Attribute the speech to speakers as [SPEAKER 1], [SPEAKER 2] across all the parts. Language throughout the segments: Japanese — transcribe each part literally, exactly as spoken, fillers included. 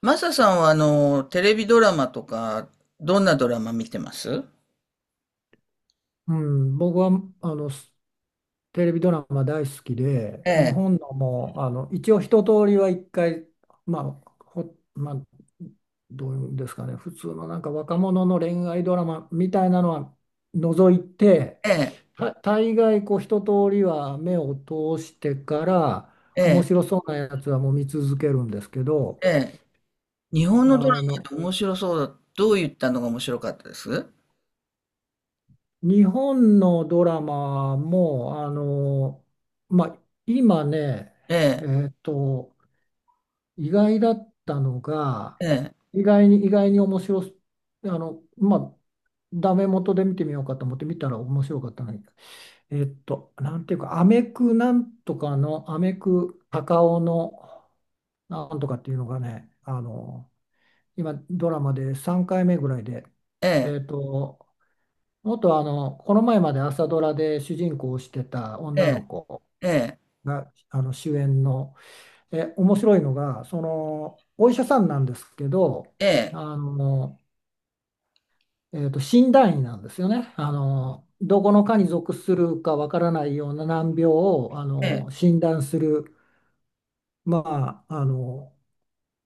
[SPEAKER 1] マサさんはあの、テレビドラマとか、どんなドラマ見てます？
[SPEAKER 2] うん、僕はあのすテレビドラマ大好きで、
[SPEAKER 1] え
[SPEAKER 2] 日
[SPEAKER 1] え、
[SPEAKER 2] 本のもあの一応一通りは一回、まあほまあ、どういうんですかね。普通のなんか若者の恋愛ドラマみたいなのは除いて、
[SPEAKER 1] ええ、
[SPEAKER 2] た大概こう一通りは目を通してから、
[SPEAKER 1] え
[SPEAKER 2] 面
[SPEAKER 1] え、
[SPEAKER 2] 白そうなやつはもう見続けるんですけど。
[SPEAKER 1] ええ。日本のドラマ
[SPEAKER 2] あの
[SPEAKER 1] って面白そうだ。どういったのが面白かったです？
[SPEAKER 2] 日本のドラマも、あの、まあ、今ね、
[SPEAKER 1] ええ、
[SPEAKER 2] えっと、意外だったのが、
[SPEAKER 1] ええ、
[SPEAKER 2] 意外に、意外に面白す、あの、まあ、ダメ元で見てみようかと思って見たら面白かったのに、えっと、なんていうか、アメクなんとかの、アメク高尾のなんとかっていうのがね、あの、今、ドラマでさんかいめぐらいで、
[SPEAKER 1] ええ、
[SPEAKER 2] えっと、元あの、この前まで朝ドラで主人公をしてた女の
[SPEAKER 1] え
[SPEAKER 2] 子
[SPEAKER 1] え、え
[SPEAKER 2] があの主演の、え、面白いのが、その、お医者さんなんですけど、
[SPEAKER 1] え、
[SPEAKER 2] あの、えーと、診断医なんですよね。あの、どこの科に属するかわからないような難病をあ
[SPEAKER 1] ええ、
[SPEAKER 2] の診断する、まあ、あの、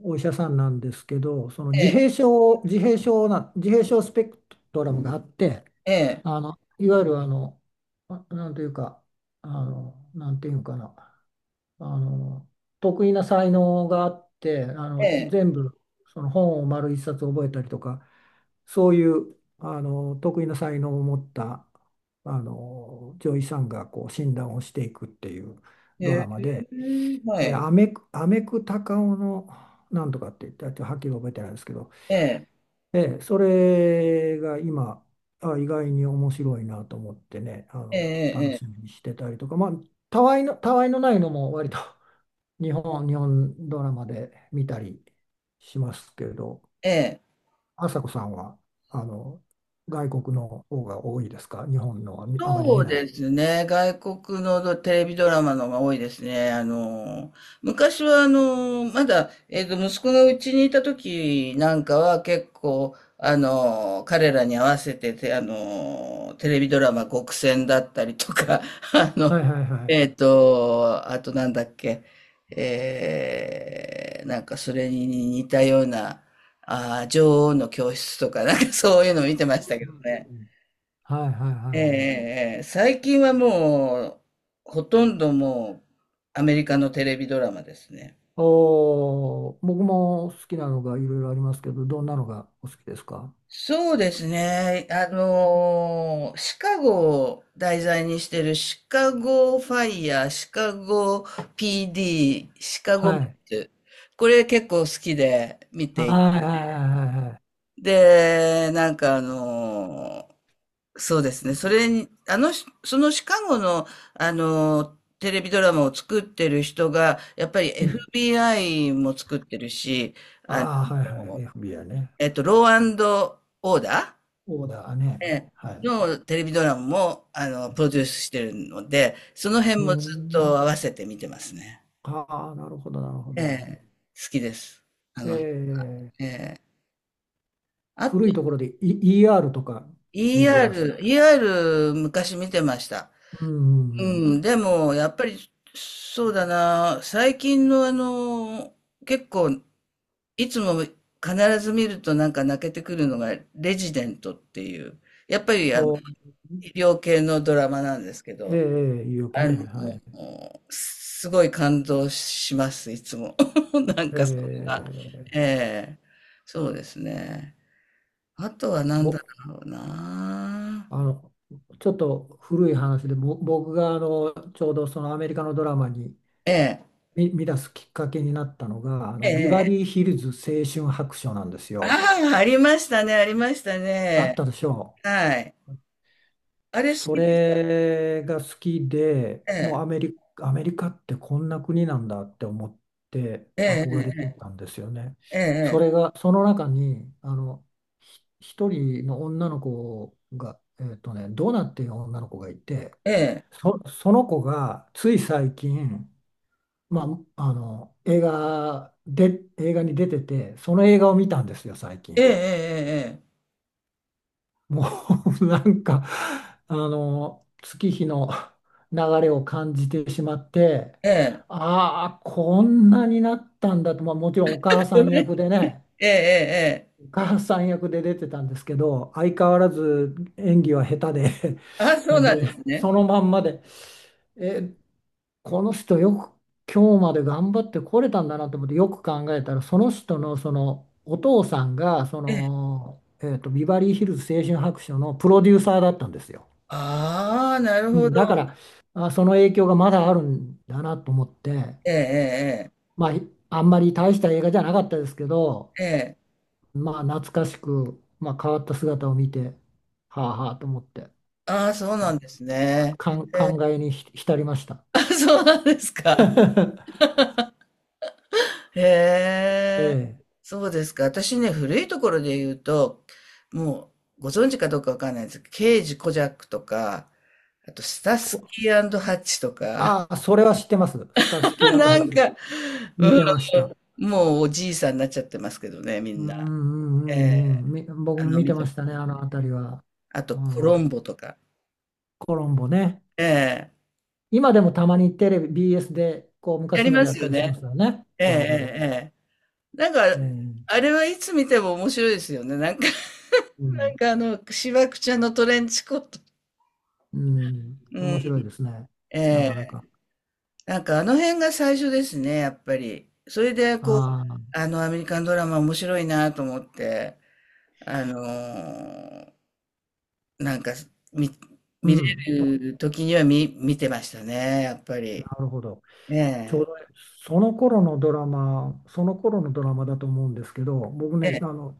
[SPEAKER 2] お医者さんなんですけど、その
[SPEAKER 1] え
[SPEAKER 2] 自閉
[SPEAKER 1] え、
[SPEAKER 2] 症、自閉症な、自閉症スペクトラムがあって、
[SPEAKER 1] ええ、
[SPEAKER 2] あの、いわゆるあの、あなんというか、あの、なんていうかな、あの、得意な才能があって、あ
[SPEAKER 1] ええ、
[SPEAKER 2] の、
[SPEAKER 1] ええ、
[SPEAKER 2] 全部、その本を丸一冊覚えたりとか、そういう、あの、得意な才能を持った、あの、女医さんがこう診断をしていくっていうド
[SPEAKER 1] え
[SPEAKER 2] ラ
[SPEAKER 1] え、
[SPEAKER 2] マで、
[SPEAKER 1] は
[SPEAKER 2] えー、
[SPEAKER 1] い、
[SPEAKER 2] アメク、アメクタカオのなんとかって言って、あとはっきり覚えてないですけど、
[SPEAKER 1] ええ、
[SPEAKER 2] えーそれが今、あ、意外に面白いなと思ってね、あ
[SPEAKER 1] え
[SPEAKER 2] の、楽
[SPEAKER 1] え、
[SPEAKER 2] しみにしてたりとか、まあ、たわいの、たわいのないのも割と 日本、日本ドラマで見たりしますけど。
[SPEAKER 1] ええ、ええ。
[SPEAKER 2] 朝子さんは、あの、外国の方が多いですか？日本のはみあまり見
[SPEAKER 1] そう
[SPEAKER 2] ない？
[SPEAKER 1] ですね。外国のドテレビドラマのが多いですね。あの、昔はあの、まだ、えっと、息子がうちにいた時なんかは結構、あの、彼らに合わせてて、あの、テレビドラマ極戦だったりとか、あ
[SPEAKER 2] はい
[SPEAKER 1] の、
[SPEAKER 2] はいはい。
[SPEAKER 1] えっと、あとなんだっけ、えー、なんかそれに似たような、あー、女王の教室とか、なんかそういうの見てましたけ
[SPEAKER 2] うん
[SPEAKER 1] ど
[SPEAKER 2] うんうん
[SPEAKER 1] ね。
[SPEAKER 2] うん。はいはいはい
[SPEAKER 1] ええ、
[SPEAKER 2] はい。
[SPEAKER 1] ええ、最近はもう、ほとんどもう、アメリカのテレビドラマですね。
[SPEAKER 2] おー、僕も好きなのがいろいろありますけど、どんなのがお好きですか？
[SPEAKER 1] そうですね。あのーシカゴを題材にしてるシカゴファイヤー、シカゴ ピーディー、シカゴ
[SPEAKER 2] は
[SPEAKER 1] メッ
[SPEAKER 2] い。
[SPEAKER 1] ツ。これ結構好きで。
[SPEAKER 2] はいはいはいはいは
[SPEAKER 1] で、なんかあのーそうですね。それに、あの、そのシカゴの、あの、テレビドラマを作ってる人が、やっぱり
[SPEAKER 2] い。うん。
[SPEAKER 1] エフビーアイ も作ってるし、あ
[SPEAKER 2] ああ、はいはい。
[SPEAKER 1] の、
[SPEAKER 2] エフビーアイ ね。
[SPEAKER 1] えっと、ローオーダ
[SPEAKER 2] オーダーね。
[SPEAKER 1] ー、ええ
[SPEAKER 2] はい。
[SPEAKER 1] のテレビドラマも、あの、プロデュースしてるので、その
[SPEAKER 2] う
[SPEAKER 1] 辺もずっ
[SPEAKER 2] ん。
[SPEAKER 1] と合わせて見てますね。
[SPEAKER 2] ああ、なるほど、なるほ
[SPEAKER 1] え
[SPEAKER 2] ど。
[SPEAKER 1] え、好きです。あ
[SPEAKER 2] え
[SPEAKER 1] の、
[SPEAKER 2] ー、
[SPEAKER 1] ええ。あ
[SPEAKER 2] 古
[SPEAKER 1] と、
[SPEAKER 2] いところで、e、イーアール とか？見られまし
[SPEAKER 1] ER、
[SPEAKER 2] た。
[SPEAKER 1] イーアール 昔見てました。
[SPEAKER 2] うんう
[SPEAKER 1] う
[SPEAKER 2] んうん。
[SPEAKER 1] ん、でも、やっぱり、そうだな、最近のあの、結構、いつも必ず見るとなんか泣けてくるのが、レジデントっていう、やっぱりあの、
[SPEAKER 2] ほう。
[SPEAKER 1] 医療系のドラマなんですけ
[SPEAKER 2] ええ、え
[SPEAKER 1] ど、
[SPEAKER 2] え、言い訳
[SPEAKER 1] あ
[SPEAKER 2] ね。
[SPEAKER 1] の、
[SPEAKER 2] はい。
[SPEAKER 1] すごい感動します、いつも。なん
[SPEAKER 2] え
[SPEAKER 1] かそれが、
[SPEAKER 2] え、
[SPEAKER 1] ええ、そうですね。あとは何
[SPEAKER 2] ぼ、
[SPEAKER 1] だろうな。
[SPEAKER 2] あの、ちょっと古い話で、ぼ僕があのちょうどそのアメリカのドラマに
[SPEAKER 1] ええ、
[SPEAKER 2] 見、見出すきっかけになったのが、あ
[SPEAKER 1] え
[SPEAKER 2] のビバ
[SPEAKER 1] え、
[SPEAKER 2] リーヒルズ青春白書なんですよ。
[SPEAKER 1] ああ、ありましたね、ありました
[SPEAKER 2] あ
[SPEAKER 1] ね。
[SPEAKER 2] ったでしょう。
[SPEAKER 1] はい。あれ好
[SPEAKER 2] そ
[SPEAKER 1] きでし
[SPEAKER 2] れが好きで、
[SPEAKER 1] た？
[SPEAKER 2] もう
[SPEAKER 1] え
[SPEAKER 2] アメリ、アメリカってこんな国なんだって思って
[SPEAKER 1] え、
[SPEAKER 2] 憧れて
[SPEAKER 1] ええ、
[SPEAKER 2] たんですよね。
[SPEAKER 1] え
[SPEAKER 2] それ
[SPEAKER 1] え、
[SPEAKER 2] が、その中に、あの、ひ一人の女の子が、えっとね、ドナっていう女の子がいて、
[SPEAKER 1] ええ、
[SPEAKER 2] そ、その子がつい最近、まあ、あの、映画で、映画に出てて、その映画を見たんですよ、最
[SPEAKER 1] え
[SPEAKER 2] 近。
[SPEAKER 1] え、ええ、
[SPEAKER 2] もう なんか、あの、月日の流れを感じてしまって、
[SPEAKER 1] ええ、ええ、
[SPEAKER 2] ああ、こんなになったんだと、まあ、もちろんお母さん役でね、
[SPEAKER 1] ええ、ええ、ええ。
[SPEAKER 2] お母さん役で出てたんですけど、相変わらず演技は下手で、
[SPEAKER 1] あ、そうなん
[SPEAKER 2] で、
[SPEAKER 1] ですね。
[SPEAKER 2] そのまんまで、えこの人よく今日まで頑張ってこれたんだなと思って、よく考えたらその人のそのお父さんがその、えーと、ビバリーヒルズ青春白書のプロデューサーだったんですよ。
[SPEAKER 1] ああ、なる
[SPEAKER 2] う
[SPEAKER 1] ほ
[SPEAKER 2] ん、
[SPEAKER 1] ど。
[SPEAKER 2] だからあその影響がまだあるんだなと思って、
[SPEAKER 1] ええ、
[SPEAKER 2] まああんまり大した映画じゃなかったですけど、
[SPEAKER 1] ええ、ええ、
[SPEAKER 2] まあ懐かしく、まあ、変わった姿を見てはあはあと思って、
[SPEAKER 1] ああ、そうなんですね。
[SPEAKER 2] かん
[SPEAKER 1] え
[SPEAKER 2] 感
[SPEAKER 1] え、
[SPEAKER 2] 慨にひ浸りました。
[SPEAKER 1] あ、そうなんですか。
[SPEAKER 2] え
[SPEAKER 1] へえ、
[SPEAKER 2] え、
[SPEAKER 1] そうですか。私ね、古いところで言うと、もうご存知かどうかわかんないですけど、刑ジ・コジャックとか、あとスタス
[SPEAKER 2] こ、
[SPEAKER 1] キーハッチとか、
[SPEAKER 2] ああ、それは知ってます。スタスキ ー
[SPEAKER 1] な
[SPEAKER 2] ハ
[SPEAKER 1] ん
[SPEAKER 2] チ。
[SPEAKER 1] か、
[SPEAKER 2] 見て
[SPEAKER 1] う
[SPEAKER 2] ました。
[SPEAKER 1] ん、もうおじいさんになっちゃってますけどね、み
[SPEAKER 2] う
[SPEAKER 1] ん
[SPEAKER 2] んう
[SPEAKER 1] な。え
[SPEAKER 2] んうん
[SPEAKER 1] え、
[SPEAKER 2] うん。み僕
[SPEAKER 1] あ
[SPEAKER 2] も
[SPEAKER 1] の、
[SPEAKER 2] 見て
[SPEAKER 1] 見
[SPEAKER 2] ま
[SPEAKER 1] て、
[SPEAKER 2] したね、あの辺りは。
[SPEAKER 1] あと
[SPEAKER 2] う
[SPEAKER 1] コロ
[SPEAKER 2] ん、
[SPEAKER 1] ンボとか。
[SPEAKER 2] コロンボね。
[SPEAKER 1] ええ、
[SPEAKER 2] 今でもたまにテレビ、ビーエス でこう
[SPEAKER 1] や
[SPEAKER 2] 昔
[SPEAKER 1] り
[SPEAKER 2] の
[SPEAKER 1] ま
[SPEAKER 2] や
[SPEAKER 1] す
[SPEAKER 2] った
[SPEAKER 1] よ
[SPEAKER 2] りしま
[SPEAKER 1] ね。
[SPEAKER 2] すよね、
[SPEAKER 1] えええ
[SPEAKER 2] コロンボ。
[SPEAKER 1] えええ。なん
[SPEAKER 2] え
[SPEAKER 1] か、
[SPEAKER 2] え、
[SPEAKER 1] あれはいつ見ても面白いですよね。なんか
[SPEAKER 2] う
[SPEAKER 1] なん
[SPEAKER 2] ん、
[SPEAKER 1] かあの、しわくちゃんのトレンチコート。
[SPEAKER 2] うん、
[SPEAKER 1] うん、
[SPEAKER 2] 面白いですね、
[SPEAKER 1] え
[SPEAKER 2] なかな
[SPEAKER 1] え。
[SPEAKER 2] か。
[SPEAKER 1] なんかあの辺が最初ですね、やっぱり。それでこう、
[SPEAKER 2] ああ、
[SPEAKER 1] あの、アメリカンドラマ面白いなと思って、あのーなんか、見
[SPEAKER 2] う
[SPEAKER 1] 見れ
[SPEAKER 2] ん、な
[SPEAKER 1] る時には見見てましたね、やっぱり。
[SPEAKER 2] るほど。
[SPEAKER 1] え
[SPEAKER 2] ちょう
[SPEAKER 1] え。
[SPEAKER 2] どね、その頃のドラマ、その頃のドラマだと思うんですけど、僕ね、
[SPEAKER 1] え
[SPEAKER 2] あ
[SPEAKER 1] え
[SPEAKER 2] の、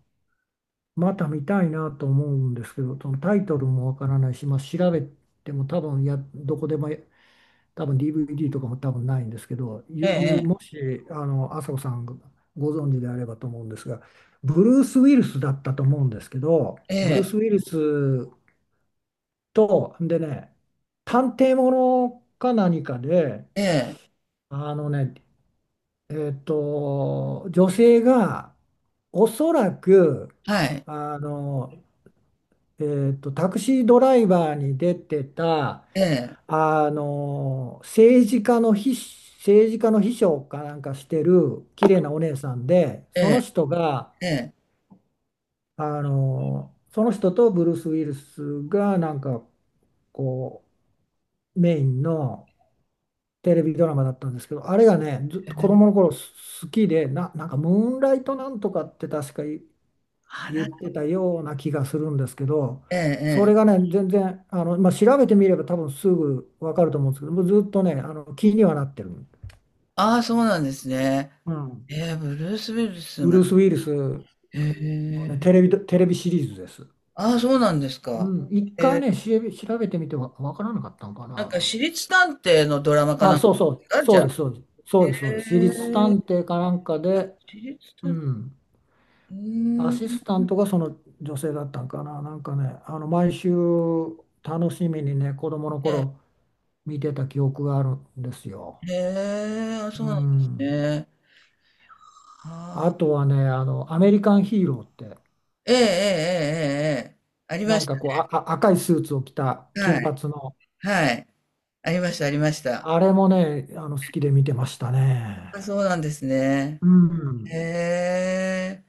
[SPEAKER 2] また見たいなと思うんですけど、そのタイトルもわからないし、まあ、調べても多分や、どこでもや多分 ディーブイディー とかも多分ないんですけど、
[SPEAKER 1] え
[SPEAKER 2] ゆ、ゆ、
[SPEAKER 1] え
[SPEAKER 2] もし、あの、朝子さんがご存知であればと思うんですが、ブルース・ウィルスだったと思うんですけど、ブルー
[SPEAKER 1] ええ
[SPEAKER 2] ス・ウィルスと、でね、探偵ものか何かで、
[SPEAKER 1] ええええ
[SPEAKER 2] あのね、えっと、女性がおそらく、
[SPEAKER 1] はい。
[SPEAKER 2] あのえーと、タクシードライバーに出てた、
[SPEAKER 1] ええ
[SPEAKER 2] あの、政治家の秘、政治家の秘書かなんかしてる綺麗なお姉さんで、
[SPEAKER 1] え
[SPEAKER 2] その
[SPEAKER 1] え
[SPEAKER 2] 人が、
[SPEAKER 1] ええ。
[SPEAKER 2] あの、その人とブルース・ウィルスがなんかこう、メインのテレビドラマだったんですけど、あれがね、ずっと子供の頃す好きで、な、なんかムーンライトなんとかって確かい
[SPEAKER 1] あ、
[SPEAKER 2] 言
[SPEAKER 1] な
[SPEAKER 2] っ
[SPEAKER 1] んか
[SPEAKER 2] てたような気がするんですけど、
[SPEAKER 1] ええ
[SPEAKER 2] それ
[SPEAKER 1] え
[SPEAKER 2] が
[SPEAKER 1] え。
[SPEAKER 2] ね、全然、あの、まあ、調べてみれば多分すぐわかると思うんですけど、もうずっとね、あの、気にはなってる。
[SPEAKER 1] ああ、そうなんですね。
[SPEAKER 2] うん。
[SPEAKER 1] ええ、ブルース・ウィルス
[SPEAKER 2] ブルー
[SPEAKER 1] が、
[SPEAKER 2] ス・ウィリス
[SPEAKER 1] へ
[SPEAKER 2] の、ね、
[SPEAKER 1] え。
[SPEAKER 2] テレビ、テレビシリーズです。
[SPEAKER 1] ああ、そうなんですか。
[SPEAKER 2] うん、一
[SPEAKER 1] え
[SPEAKER 2] 回
[SPEAKER 1] え、
[SPEAKER 2] ね、調べ調べてみて、わ、わからなかったのか
[SPEAKER 1] なんか
[SPEAKER 2] な。
[SPEAKER 1] 私立探偵のドラマかな
[SPEAKER 2] あ、
[SPEAKER 1] んか
[SPEAKER 2] そうそ
[SPEAKER 1] です
[SPEAKER 2] う、
[SPEAKER 1] か、じ
[SPEAKER 2] そ
[SPEAKER 1] ゃ
[SPEAKER 2] うで
[SPEAKER 1] あ。
[SPEAKER 2] す、そうです、そ
[SPEAKER 1] へ
[SPEAKER 2] う
[SPEAKER 1] え、
[SPEAKER 2] です、そうです。私立探偵かなんか
[SPEAKER 1] なんか
[SPEAKER 2] で、
[SPEAKER 1] 私立
[SPEAKER 2] う
[SPEAKER 1] 探偵、
[SPEAKER 2] ん、
[SPEAKER 1] う
[SPEAKER 2] ア
[SPEAKER 1] ーん。
[SPEAKER 2] シスタントがその女性だったんかな、なんかね、あの毎週楽しみにね、子供の頃見てた記憶があるんですよ。
[SPEAKER 1] へえ、あ、そ
[SPEAKER 2] う
[SPEAKER 1] うなんです
[SPEAKER 2] ん。
[SPEAKER 1] ね。
[SPEAKER 2] あとはね、あの、アメリカンヒーローって、
[SPEAKER 1] ええええええええ。ありま
[SPEAKER 2] な
[SPEAKER 1] し
[SPEAKER 2] ん
[SPEAKER 1] た
[SPEAKER 2] かこう、
[SPEAKER 1] ね。
[SPEAKER 2] あ、あ赤いスーツを着た
[SPEAKER 1] は
[SPEAKER 2] 金
[SPEAKER 1] い。
[SPEAKER 2] 髪の、
[SPEAKER 1] はい。ありました、ありました。
[SPEAKER 2] あれもね、あの、好きで見てましたね。
[SPEAKER 1] あ、そうなんですね。
[SPEAKER 2] うん。
[SPEAKER 1] へえ。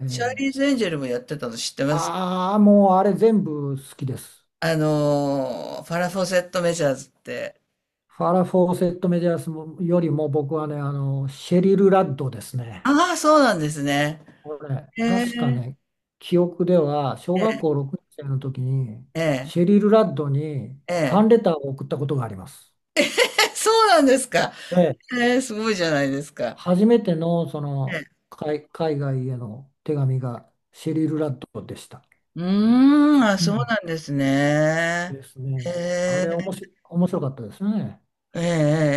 [SPEAKER 2] え
[SPEAKER 1] チャーリー
[SPEAKER 2] え、
[SPEAKER 1] ズ・エンジェルもやってたの知ってます？
[SPEAKER 2] ああ、もうあれ全部好きです。
[SPEAKER 1] あのー、ファラ・フォセット・メジャーズって。
[SPEAKER 2] ファラ・フォーセット・メディアスよりも僕はね、あの、シェリル・ラッドですね。
[SPEAKER 1] ああ、そうなんですね。
[SPEAKER 2] これ、
[SPEAKER 1] へえ。
[SPEAKER 2] 確かね、記憶では、小
[SPEAKER 1] え
[SPEAKER 2] 学
[SPEAKER 1] え
[SPEAKER 2] 校ろくねん生の時に、
[SPEAKER 1] ええ
[SPEAKER 2] シェリル・ラッドに
[SPEAKER 1] え
[SPEAKER 2] ファン
[SPEAKER 1] え。
[SPEAKER 2] レターを送ったことがあります。
[SPEAKER 1] え、そうなんですか。
[SPEAKER 2] で、
[SPEAKER 1] ええ、すごいじゃないですか。
[SPEAKER 2] 初めてのそ
[SPEAKER 1] ええ。
[SPEAKER 2] の海、海外への手紙がシェリル・ラッドでした。
[SPEAKER 1] うーん、あ、
[SPEAKER 2] う
[SPEAKER 1] そう
[SPEAKER 2] ん
[SPEAKER 1] なんですね。
[SPEAKER 2] です
[SPEAKER 1] へ
[SPEAKER 2] ね。あれ、お
[SPEAKER 1] え。
[SPEAKER 2] もし、面白かったですね。
[SPEAKER 1] ええ、え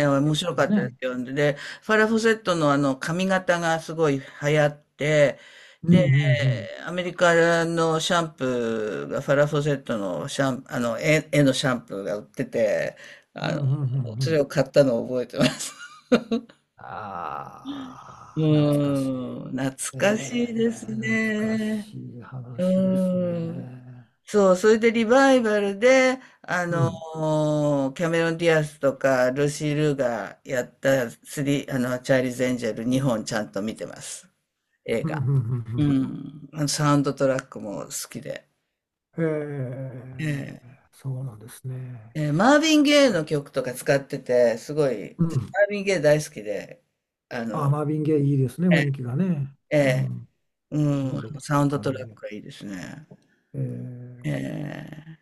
[SPEAKER 1] えええ面
[SPEAKER 2] 結
[SPEAKER 1] 白か
[SPEAKER 2] 構
[SPEAKER 1] ったで
[SPEAKER 2] ね。
[SPEAKER 1] すよ。で、ファラ・フォセットのあの髪型がすごい流行って、
[SPEAKER 2] うんうん
[SPEAKER 1] で、
[SPEAKER 2] うん。
[SPEAKER 1] アメリカのシャンプーが、ファラ・フォセットのシャン、あの、絵、絵のシャンプーが売ってて、
[SPEAKER 2] うん
[SPEAKER 1] あ
[SPEAKER 2] う
[SPEAKER 1] の、
[SPEAKER 2] んうんう
[SPEAKER 1] それ
[SPEAKER 2] ん。
[SPEAKER 1] を買ったのを覚えてます。う
[SPEAKER 2] ああ、懐かしい。
[SPEAKER 1] ーん、懐かしい
[SPEAKER 2] え
[SPEAKER 1] です
[SPEAKER 2] ー、懐か
[SPEAKER 1] ね。
[SPEAKER 2] しい
[SPEAKER 1] う
[SPEAKER 2] 話です
[SPEAKER 1] ーん。
[SPEAKER 2] ね。
[SPEAKER 1] そう、それでリバイバルで、あ
[SPEAKER 2] う
[SPEAKER 1] の
[SPEAKER 2] ん。
[SPEAKER 1] ーキャメロン・ディアスとか、ルーシー・ルーがやったスリ、あの、チャーリーズ・エンジェルにほんちゃんと見てます。映
[SPEAKER 2] うん。う
[SPEAKER 1] 画。
[SPEAKER 2] ん。うんう
[SPEAKER 1] う
[SPEAKER 2] ん、
[SPEAKER 1] ん。あのサウンドトラックも好きで。
[SPEAKER 2] へえ、
[SPEAKER 1] ええ、
[SPEAKER 2] そうなんですね。
[SPEAKER 1] えーマーヴィン・ゲイの曲とか使ってて、すごい、
[SPEAKER 2] う
[SPEAKER 1] 私、
[SPEAKER 2] ん。
[SPEAKER 1] マーヴィン・ゲイ大好きで、あ
[SPEAKER 2] あ、
[SPEAKER 1] の、
[SPEAKER 2] マービン・ゲイいいですね、
[SPEAKER 1] え
[SPEAKER 2] 雰囲気がね。
[SPEAKER 1] え、え
[SPEAKER 2] う
[SPEAKER 1] え、
[SPEAKER 2] ん。
[SPEAKER 1] う
[SPEAKER 2] ムー
[SPEAKER 1] ん、
[SPEAKER 2] ドが
[SPEAKER 1] サウンドト
[SPEAKER 2] 感じ
[SPEAKER 1] ラッ
[SPEAKER 2] で。
[SPEAKER 1] クがいいですね。
[SPEAKER 2] えー、
[SPEAKER 1] ええ、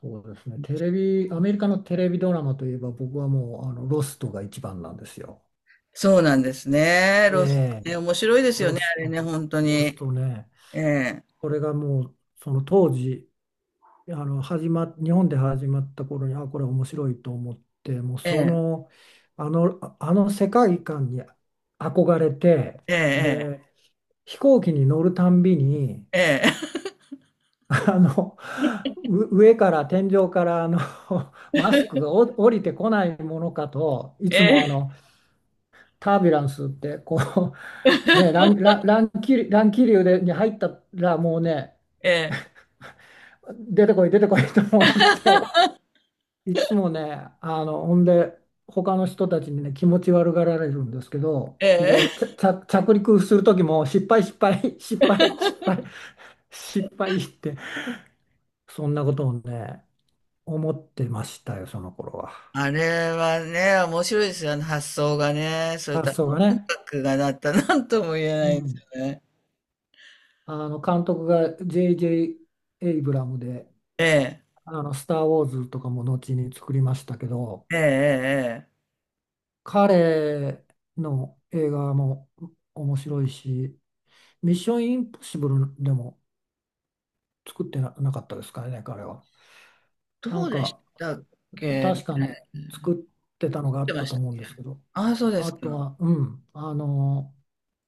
[SPEAKER 2] そうですね。テレビ、アメリカのテレビドラマといえば、僕はもう、あの、ロストが一番なんですよ。
[SPEAKER 1] そうなんですね。ロス、
[SPEAKER 2] ええ、
[SPEAKER 1] ね、面白いですよ
[SPEAKER 2] ロ
[SPEAKER 1] ね、
[SPEAKER 2] ス
[SPEAKER 1] あれ
[SPEAKER 2] ト、
[SPEAKER 1] ね、本当
[SPEAKER 2] ロス
[SPEAKER 1] に。
[SPEAKER 2] トね。
[SPEAKER 1] ええ、
[SPEAKER 2] これがもう、その当時、あの始まっ日本で始まった頃に、あこれ面白いと思って、もう
[SPEAKER 1] え
[SPEAKER 2] そ
[SPEAKER 1] え、
[SPEAKER 2] のあのああの世界観に憧れて、
[SPEAKER 1] ええ、
[SPEAKER 2] で飛行機に乗るたんびに、
[SPEAKER 1] ええ、
[SPEAKER 2] あのう上から天井からあの マスクがお降りてこないものかといつ
[SPEAKER 1] え
[SPEAKER 2] も
[SPEAKER 1] え、
[SPEAKER 2] あのタービュランスってこうね、乱、乱、乱気流、乱気流でに入ったらもうね、
[SPEAKER 1] ええ、
[SPEAKER 2] 出てこい出てこいと思って、いつもね、あの、ほんで、他の人たちにね、気持ち悪がられるんですけど、
[SPEAKER 1] え
[SPEAKER 2] で、
[SPEAKER 1] え。
[SPEAKER 2] ちゃ、ちゃ、着陸する時も、失敗、失敗、失敗、失敗、失敗って、そんなことをね、思ってましたよ、その頃は。
[SPEAKER 1] あれはね、面白いですよね、発想がね。そういった
[SPEAKER 2] 発想
[SPEAKER 1] 音
[SPEAKER 2] がね。
[SPEAKER 1] 楽がなったなんとも言え
[SPEAKER 2] う
[SPEAKER 1] ないです
[SPEAKER 2] ん。
[SPEAKER 1] よね。
[SPEAKER 2] あの、監督が ジェイジェイ エイブラムで、
[SPEAKER 1] ええ、
[SPEAKER 2] あの、スター・ウォーズとかも後に作りましたけど、
[SPEAKER 1] ええ、ええ、
[SPEAKER 2] 彼の映画も面白いし、ミッションインポッシブルでも、作ってな、なかったですかね、彼は。な
[SPEAKER 1] ど
[SPEAKER 2] ん
[SPEAKER 1] うでし
[SPEAKER 2] か、
[SPEAKER 1] たっけね。
[SPEAKER 2] 確かね、
[SPEAKER 1] 見
[SPEAKER 2] 作ってたのがあ
[SPEAKER 1] て
[SPEAKER 2] っ
[SPEAKER 1] ま
[SPEAKER 2] た
[SPEAKER 1] し
[SPEAKER 2] と
[SPEAKER 1] た。
[SPEAKER 2] 思うんですけど、
[SPEAKER 1] ああ、そうです
[SPEAKER 2] あと
[SPEAKER 1] か。
[SPEAKER 2] は、うん、あの、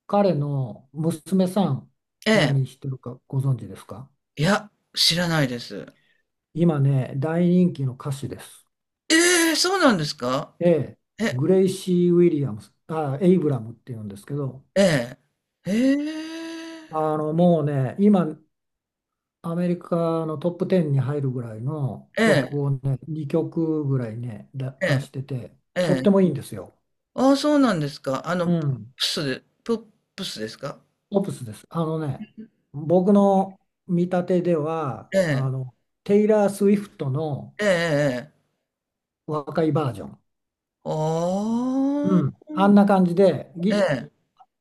[SPEAKER 2] 彼の娘さん、
[SPEAKER 1] ええ。
[SPEAKER 2] 何してるかご存知ですか？
[SPEAKER 1] いや、知らないです。
[SPEAKER 2] 今ね、大人気の歌手です。
[SPEAKER 1] ええ、そうなんですか？
[SPEAKER 2] ええ、
[SPEAKER 1] え、
[SPEAKER 2] グレイシー・ウィリアムス、あ、エイブラムっていうんですけど、
[SPEAKER 1] ええ、ええ、
[SPEAKER 2] あの、もうね、今、アメリカのトップじゅうに入るぐらいの
[SPEAKER 1] え
[SPEAKER 2] 曲
[SPEAKER 1] え、
[SPEAKER 2] をね、にきょくぐらいね、だ
[SPEAKER 1] え
[SPEAKER 2] 出
[SPEAKER 1] え、
[SPEAKER 2] してて、
[SPEAKER 1] え
[SPEAKER 2] とっても
[SPEAKER 1] え。
[SPEAKER 2] いいんですよ。
[SPEAKER 1] ああ、そうなんですか。あの、
[SPEAKER 2] う
[SPEAKER 1] プ
[SPEAKER 2] ん、
[SPEAKER 1] スで、ププスですか？
[SPEAKER 2] オプスです。あのね、僕の見立てでは、
[SPEAKER 1] え
[SPEAKER 2] あ
[SPEAKER 1] え、
[SPEAKER 2] の、テイラー・スウィフトの
[SPEAKER 1] ええ、ええ。
[SPEAKER 2] 若いバージョン。
[SPEAKER 1] あ
[SPEAKER 2] う
[SPEAKER 1] あ、
[SPEAKER 2] ん。あんな感じで
[SPEAKER 1] え
[SPEAKER 2] ギ、
[SPEAKER 1] え。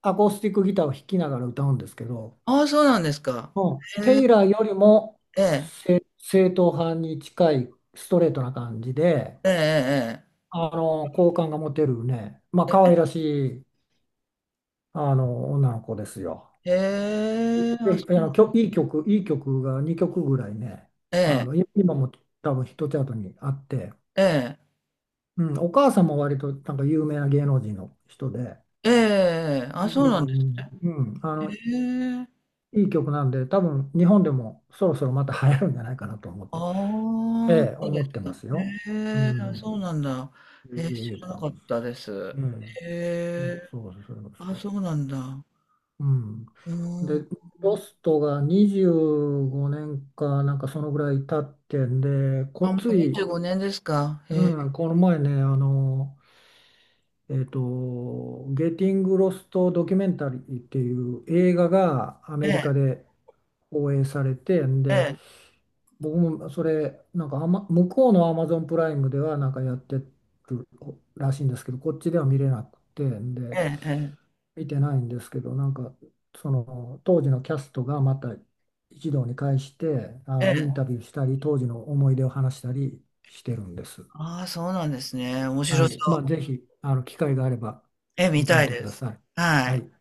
[SPEAKER 2] アコースティックギターを弾きながら歌うんですけど、
[SPEAKER 1] ああ、そうなんですか。
[SPEAKER 2] うん、
[SPEAKER 1] へえ、
[SPEAKER 2] テイラーよりも
[SPEAKER 1] ええ、
[SPEAKER 2] 正、正統派に近いストレートな感じで、
[SPEAKER 1] え
[SPEAKER 2] あの、好感が持てるね、まあ、可愛らしい、あの、女の子ですよ。
[SPEAKER 1] え、ええ。へえ、あ、
[SPEAKER 2] ぜ
[SPEAKER 1] そ
[SPEAKER 2] ひ、あ
[SPEAKER 1] うな
[SPEAKER 2] の、きょ、
[SPEAKER 1] ん、
[SPEAKER 2] いい曲、いい曲がにきょくぐらいね、
[SPEAKER 1] え
[SPEAKER 2] あ
[SPEAKER 1] え、
[SPEAKER 2] の、今も多分ヒットチャートにあって、
[SPEAKER 1] え
[SPEAKER 2] うん、お母さんも割となんか有名な芸能人の人で、
[SPEAKER 1] え、ええ、
[SPEAKER 2] う
[SPEAKER 1] あ、
[SPEAKER 2] ん
[SPEAKER 1] そうなん
[SPEAKER 2] う
[SPEAKER 1] です
[SPEAKER 2] んうん、うん
[SPEAKER 1] ね。
[SPEAKER 2] あの、
[SPEAKER 1] へえ、
[SPEAKER 2] いい曲なんで、多分日本でもそろそろまた流行るんじゃないかなと思っ
[SPEAKER 1] あ
[SPEAKER 2] て、
[SPEAKER 1] あ、
[SPEAKER 2] ええ、
[SPEAKER 1] そうで
[SPEAKER 2] 思
[SPEAKER 1] す
[SPEAKER 2] って
[SPEAKER 1] か。
[SPEAKER 2] ますよ。
[SPEAKER 1] へ
[SPEAKER 2] う
[SPEAKER 1] え、あ、そ
[SPEAKER 2] ん、
[SPEAKER 1] うなんだ。へえ、知
[SPEAKER 2] ジェイジェイ エイ
[SPEAKER 1] ら
[SPEAKER 2] ブラ
[SPEAKER 1] な
[SPEAKER 2] ム
[SPEAKER 1] かっ
[SPEAKER 2] ス。
[SPEAKER 1] たです。
[SPEAKER 2] ええ、
[SPEAKER 1] へ
[SPEAKER 2] そ
[SPEAKER 1] え、
[SPEAKER 2] うそうですそうで
[SPEAKER 1] あ、そ
[SPEAKER 2] す。
[SPEAKER 1] うなんだ。
[SPEAKER 2] うん。
[SPEAKER 1] うん。
[SPEAKER 2] で、ロストがにじゅうごねんかなんかそのぐらい経ってんで、こ、
[SPEAKER 1] あ、もう
[SPEAKER 2] つ
[SPEAKER 1] 25
[SPEAKER 2] い
[SPEAKER 1] 年ですか。へ
[SPEAKER 2] う
[SPEAKER 1] え。
[SPEAKER 2] ん、この前ね、あの、えっと、ゲーティング・ロスト・ドキュメンタリーっていう映画がア
[SPEAKER 1] え
[SPEAKER 2] メリカ
[SPEAKER 1] え、
[SPEAKER 2] で放映されて、ん
[SPEAKER 1] え
[SPEAKER 2] で、
[SPEAKER 1] え、
[SPEAKER 2] 僕もそれ、なんかアマ、向こうのアマゾンプライムではなんかやってるらしいんですけど、こっちでは見れなくて、んで、
[SPEAKER 1] ええええ、
[SPEAKER 2] 見てないんですけど、なんか、その当時のキャストがまた一堂に会して、あ
[SPEAKER 1] え
[SPEAKER 2] の、イン
[SPEAKER 1] え。
[SPEAKER 2] タビューしたり、当時の思い出を話したりしてるんです。
[SPEAKER 1] ああ、そうなんですね。面
[SPEAKER 2] は
[SPEAKER 1] 白そ
[SPEAKER 2] い。まあ、ぜ
[SPEAKER 1] う。
[SPEAKER 2] ひ、あの、機会があれば
[SPEAKER 1] ええ、見
[SPEAKER 2] 見て
[SPEAKER 1] た
[SPEAKER 2] み
[SPEAKER 1] い
[SPEAKER 2] てく
[SPEAKER 1] で
[SPEAKER 2] だ
[SPEAKER 1] す。
[SPEAKER 2] さい。
[SPEAKER 1] は
[SPEAKER 2] は
[SPEAKER 1] い。
[SPEAKER 2] い。